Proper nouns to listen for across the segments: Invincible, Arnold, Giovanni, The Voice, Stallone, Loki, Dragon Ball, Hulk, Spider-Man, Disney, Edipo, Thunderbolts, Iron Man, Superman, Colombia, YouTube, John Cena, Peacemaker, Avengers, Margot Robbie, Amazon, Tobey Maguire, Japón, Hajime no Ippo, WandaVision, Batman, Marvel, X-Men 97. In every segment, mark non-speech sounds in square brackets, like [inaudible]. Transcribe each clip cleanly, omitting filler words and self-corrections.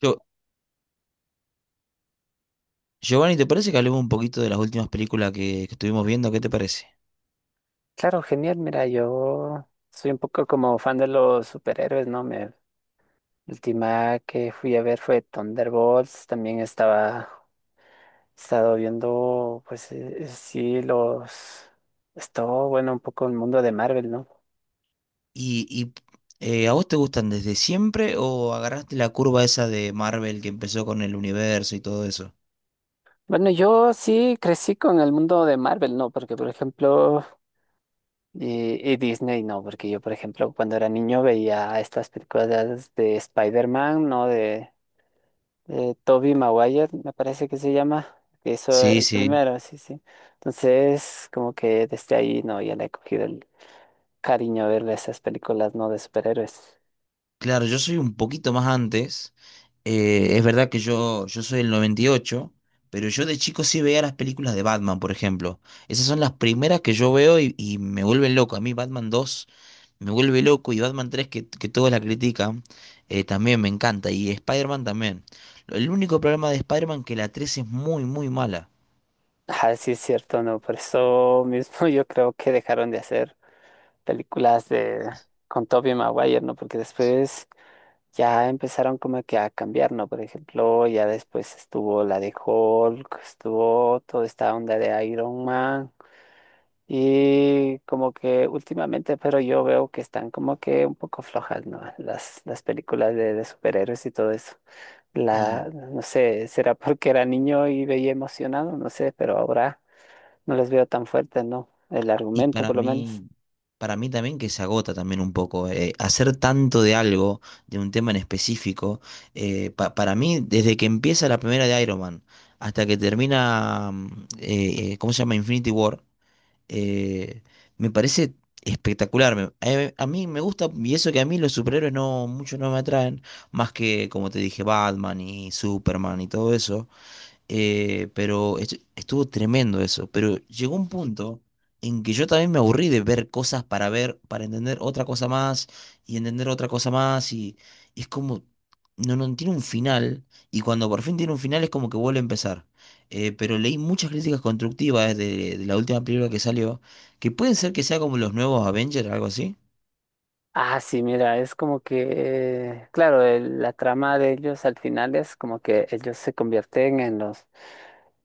Yo, Giovanni, ¿te parece que hablemos un poquito de las últimas películas que estuvimos viendo? ¿Qué te parece? Claro, genial. Mira, yo soy un poco como fan de los superhéroes, ¿no? La última que fui a ver fue Thunderbolts. Estado viendo, pues sí, Estuvo, bueno, un poco el mundo de Marvel, ¿no? ¿Y, y, a vos te gustan desde siempre o agarraste la curva esa de Marvel que empezó con el universo y todo eso? Bueno, yo sí crecí con el mundo de Marvel, ¿no? Porque, por ejemplo, y Disney, ¿no? Porque yo, por ejemplo, cuando era niño veía estas películas de Spider-Man, ¿no? De Tobey Maguire, me parece que se llama, que hizo Sí, el sí. primero, sí, sí. Entonces, como que desde ahí, no, ya le he cogido el cariño a verle esas películas, no de superhéroes. Claro, yo soy un poquito más antes. Es verdad que yo soy el 98, pero yo de chico sí veía las películas de Batman, por ejemplo. Esas son las primeras que yo veo y me vuelven loco. A mí Batman 2 me vuelve loco y Batman 3 que todos la critican, también me encanta, y Spider-Man también. El único problema de Spider-Man que la 3 es muy, muy mala Ah, sí, es cierto, no, por eso mismo [laughs] yo creo que dejaron de hacer películas de con Tobey Maguire, ¿no? Porque después ya empezaron como que a cambiar, ¿no? Por ejemplo, ya después estuvo la de Hulk, estuvo toda esta onda de Iron Man. Y como que últimamente, pero yo veo que están como que un poco flojas, ¿no? Las películas de superhéroes y todo eso. y, La, no sé, será porque era niño y veía emocionado, no sé, pero ahora no las veo tan fuertes, ¿no? El y argumento, para por lo menos. mí, para mí también, que se agota también un poco. Hacer tanto de algo, de un tema en específico, para mí desde que empieza la primera de Iron Man hasta que termina, ¿cómo se llama? Infinity War. eh, Me parece espectacular. A mí me gusta, y eso que a mí los superhéroes no, mucho no me atraen, más que, como te dije, Batman y Superman y todo eso. Pero estuvo tremendo eso. Pero llegó un punto en que yo también me aburrí de ver cosas para ver, para entender otra cosa más y entender otra cosa más. Y es como, no, no tiene un final. Y cuando por fin tiene un final es como que vuelve a empezar. Pero leí muchas críticas constructivas de la última película que salió, que pueden ser que sea como los nuevos Avengers, algo así. Ah, sí, mira, es como que, claro, la trama de ellos al final es como que ellos se convierten en los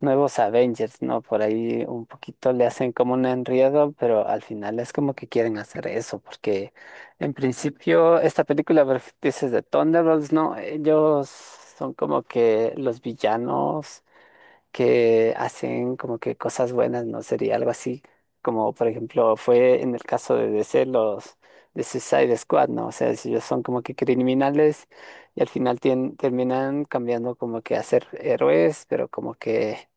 nuevos Avengers, ¿no? Por ahí un poquito le hacen como un enredo, pero al final es como que quieren hacer eso, porque en principio esta película, por ejemplo, dices de Thunderbolts, ¿no? Ellos son como que los villanos que hacen como que cosas buenas, ¿no? Sería algo así, como por ejemplo fue en el caso de DC los de Suicide Squad, ¿no? O sea, si ellos son como que criminales y al final terminan cambiando como que a ser héroes, pero como que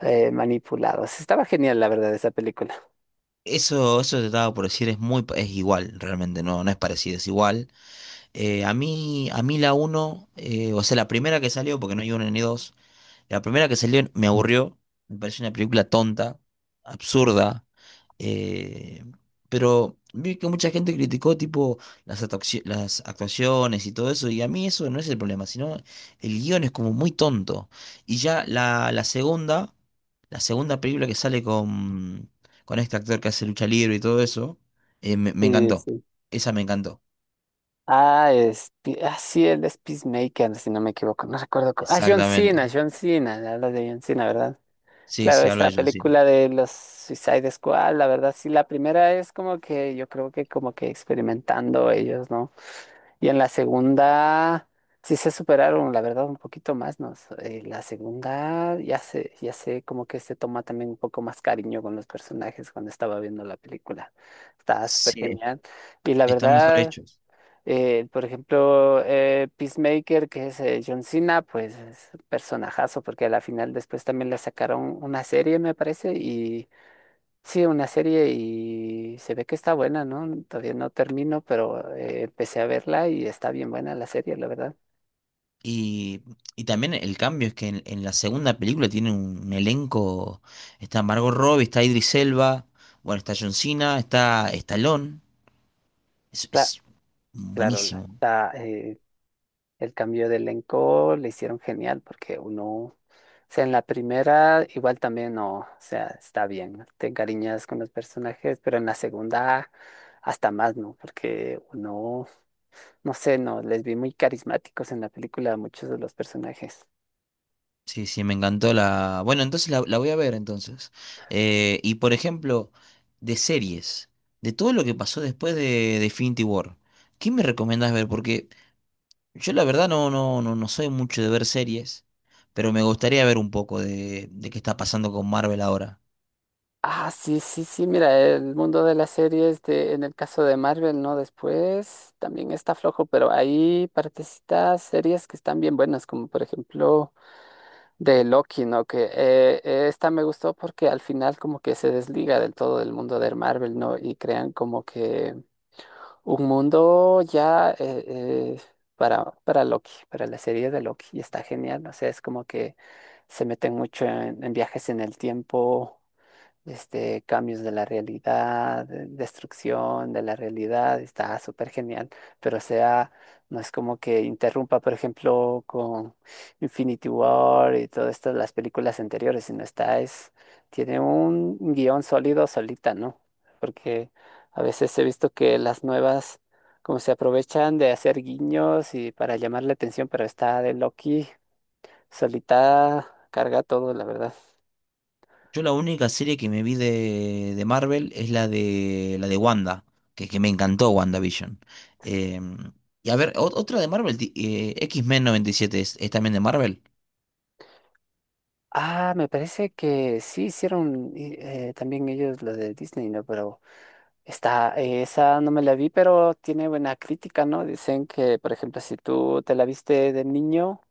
manipulados. Estaba genial, la verdad, esa película. Eso te estaba por decir, es muy, es igual, realmente, no, no es parecido, es igual. A mí la uno, o sea, la primera que salió, porque no hay una ni dos, la primera que salió me aburrió, me pareció una película tonta, absurda, eh, pero vi que mucha gente criticó tipo las, las actuaciones y todo eso, y a mí eso no es el problema, sino el guión es como muy tonto. Y ya la segunda, la segunda película que sale con este actor que hace lucha libre y todo eso, me Sí, encantó, sí. esa me encantó, Ah, sí, él es Peacemaker, si no me equivoco, no recuerdo. Ah, exactamente. John Cena, hablas de John Cena, ¿verdad? Sí, Claro, sí, hablo de esta John Cena. película de los Suicide Squad, la verdad, sí, la primera es como que yo creo que como que experimentando ellos, ¿no? Y en la segunda sí se superaron, la verdad, un poquito más, ¿no? La segunda ya se como que se toma también un poco más cariño con los personajes cuando estaba viendo la película. Estaba súper Sí, genial. Y la están mejor verdad. hechos. Por ejemplo, Peacemaker, que es John Cena, pues es un personajazo, porque a la final después también le sacaron una serie, me parece, y sí, una serie y se ve que está buena, ¿no? Todavía no termino, pero empecé a verla y está bien buena la serie, la verdad. Y, y también el cambio es que en la segunda película tiene un elenco. Está Margot Robbie, está Idris Elba, bueno, está John Cena, está Stallone. Es, Cla- es claro, la, buenísimo. la, eh, el cambio de elenco le hicieron genial porque uno, o sea, en la primera igual también no, o sea, está bien, te encariñas con los personajes, pero en la segunda hasta más, ¿no? Porque uno, no sé, no, les vi muy carismáticos en la película a muchos de los personajes. Sí, sí, me encantó la. Bueno, entonces la voy a ver entonces. Y por ejemplo, de series, de todo lo que pasó después de Infinity War, ¿qué me recomendás ver? Porque yo la verdad no, no, no, no soy mucho de ver series, pero me gustaría ver un poco de qué está pasando con Marvel ahora. Ah, sí, sí, sí, mira, el mundo de las series de, en el caso de Marvel, ¿no? Después también está flojo, pero hay partecitas, series que están bien buenas, como por ejemplo... De Loki, ¿no? Que esta me gustó porque al final como que se desliga del todo del mundo de Marvel, ¿no? Y crean como que un mundo ya eh, para Loki, para la serie de Loki, y está genial, o sea, es como que se meten mucho en viajes en el tiempo, este, cambios de la realidad, destrucción de la realidad, está súper genial, pero o sea, no es como que interrumpa, por ejemplo, con Infinity War y todas estas las películas anteriores, sino está, es, tiene un guión sólido solita, ¿no? Porque a veces he visto que las nuevas, como se aprovechan de hacer guiños y para llamar la atención, pero está de Loki solita, carga todo, la verdad. Yo la única serie que me vi de Marvel es la de Wanda, que me encantó WandaVision. Em, y a ver, otra de Marvel, X-Men 97 es también de Marvel. Ah, me parece que sí hicieron también ellos lo de Disney, ¿no? Pero está, esa no me la vi, pero tiene buena crítica, ¿no? Dicen que, por ejemplo, si tú te la viste de niño,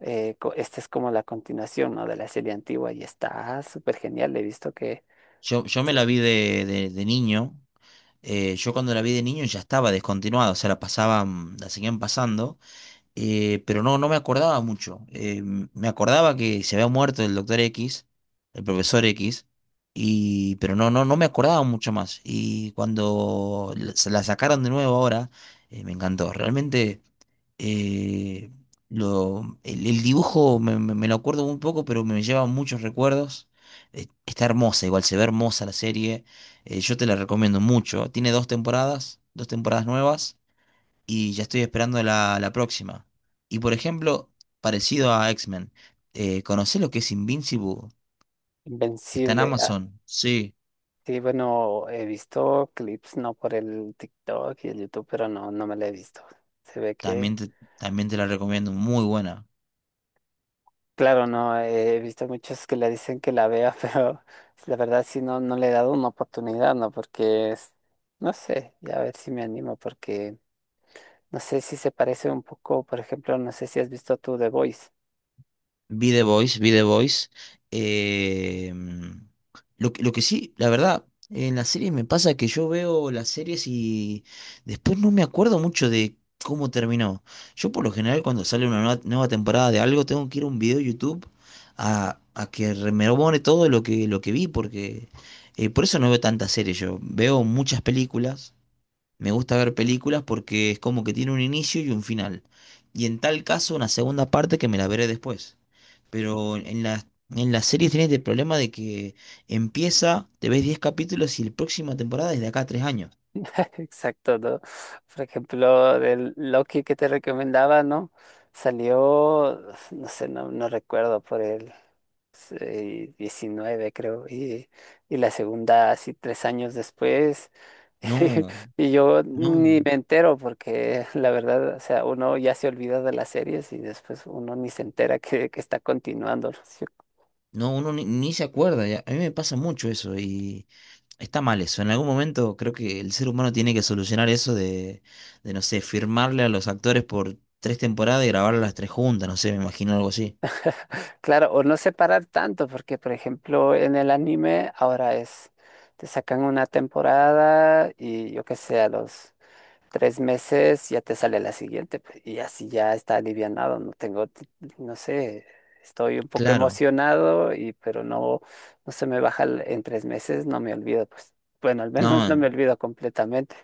esta es como la continuación, ¿no? De la serie antigua y está súper genial. He visto que Yo es me la vi de, de niño. Yo cuando la vi de niño ya estaba descontinuada, o sea, la pasaban, la seguían pasando. Pero no, no me acordaba mucho. Me acordaba que se había muerto el doctor X, el profesor X, y, pero no, no, no me acordaba mucho más. Y cuando se la sacaron de nuevo ahora, me encantó. Realmente eh, el dibujo me, me lo acuerdo un poco, pero me lleva muchos recuerdos. Está hermosa, igual se ve hermosa la serie. Yo te la recomiendo mucho. Tiene dos temporadas nuevas y ya estoy esperando la próxima. Y por ejemplo, parecido a X-Men, ¿conocés lo que es Invincible? Está en invencible. Ah, Amazon. Sí, sí, bueno, he visto clips, ¿no? Por el TikTok y el YouTube, pero no, no me la he visto. Se ve que... también te la recomiendo, muy buena. Claro, no, he visto muchos que le dicen que la vea, [laughs] pero la verdad sí no, no le he dado una oportunidad, ¿no? Porque es, no sé, ya a ver si me animo, porque no sé si se parece un poco, por ejemplo, no sé si has visto tú The Voice. Vi The Voice, vi The Voice. Eh, mm, lo que sí, la verdad, en las series me pasa que yo veo las series y después no me acuerdo mucho de cómo terminó. Yo por lo general cuando sale una nueva temporada de algo tengo que ir a un video de YouTube a que me rememore todo lo que vi, porque por eso no veo tantas series yo. Veo muchas películas. Me gusta ver películas porque es como que tiene un inicio y un final. Y en tal caso, una segunda parte que me la veré después. Pero en las series tienes el problema de que empieza, te ves 10 capítulos y la próxima temporada es de acá a 3 años. [laughs] Exacto, ¿no? Por ejemplo, del Loki que te recomendaba, ¿no? Salió, no sé, no, no recuerdo por el 19 creo, y la segunda así 3 años después, No, [laughs] y yo no, ni me entero porque la verdad, o sea, uno ya se olvida de las series y después uno ni se entera que está continuando, ¿no es cierto? no, uno ni, ni se acuerda. A mí me pasa mucho eso y está mal eso. En algún momento creo que el ser humano tiene que solucionar eso de no sé, firmarle a los actores por 3 temporadas y grabarlas las tres juntas. No sé, me imagino algo así. Claro, o no separar tanto, porque por ejemplo en el anime ahora es, te sacan una temporada y yo qué sé, a los... 3 meses ya te sale la siguiente, pues, y así ya está alivianado, no sé, estoy un poco Claro. emocionado y pero no, no se me baja en 3 meses, no me olvido, pues, bueno, al No, menos no me en- olvido completamente.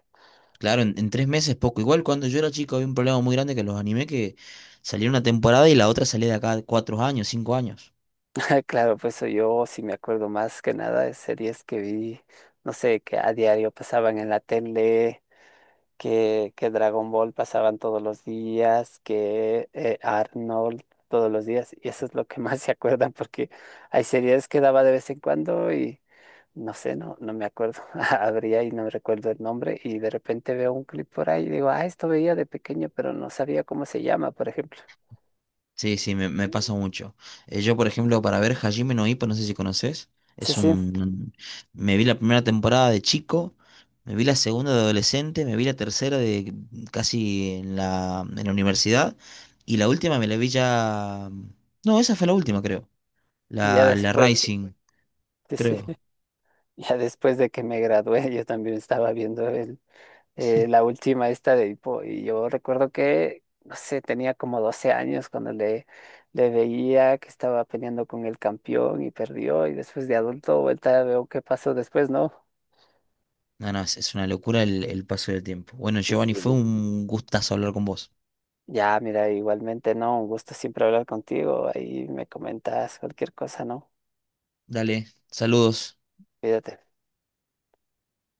Claro, en 3 meses poco. Igual cuando yo era chico había un problema muy grande que los animé que salía una temporada y la otra salía de acá 4 años, 5 años. [laughs] Claro, pues soy yo sí me acuerdo más que nada de series que vi, no sé, que a diario pasaban en la tele que Dragon Ball pasaban todos los días, que Arnold todos los días, y eso es lo que [laughs] más se acuerdan, porque hay series que daba de vez en cuando y no sé, no, no me acuerdo, [laughs] habría y no recuerdo el nombre, y de repente veo un clip por ahí y digo, ah, esto veía de pequeño, pero no sabía cómo se llama, por ejemplo. Sí, sí, me pasa mucho. Yo, por ejemplo, para ver Hajime no Ippo, no sé si conoces, Sí, es sí, un... Me vi la primera temporada de chico, me vi la segunda de adolescente, me vi la tercera de casi en la universidad y la última me la vi ya... No, esa fue la última, creo. ya La después, de- Rising, sí, sí, creo. [laughs] ya después de que me gradué, yo también estaba viendo el la última esta de Edipo. Y yo recuerdo que, no sé, tenía como 12 años cuando le veía que estaba peleando con el campeón y perdió. Y después de adulto, vuelta, veo qué pasó después, ¿no? No, no, es una locura el paso del tiempo. Bueno, Sí, Giovanni, fue sí. un gustazo hablar con vos. Ya, mira, igualmente, ¿no? Un gusto siempre hablar contigo. Ahí me comentas cualquier cosa, ¿no? Dale, saludos. Cuídate.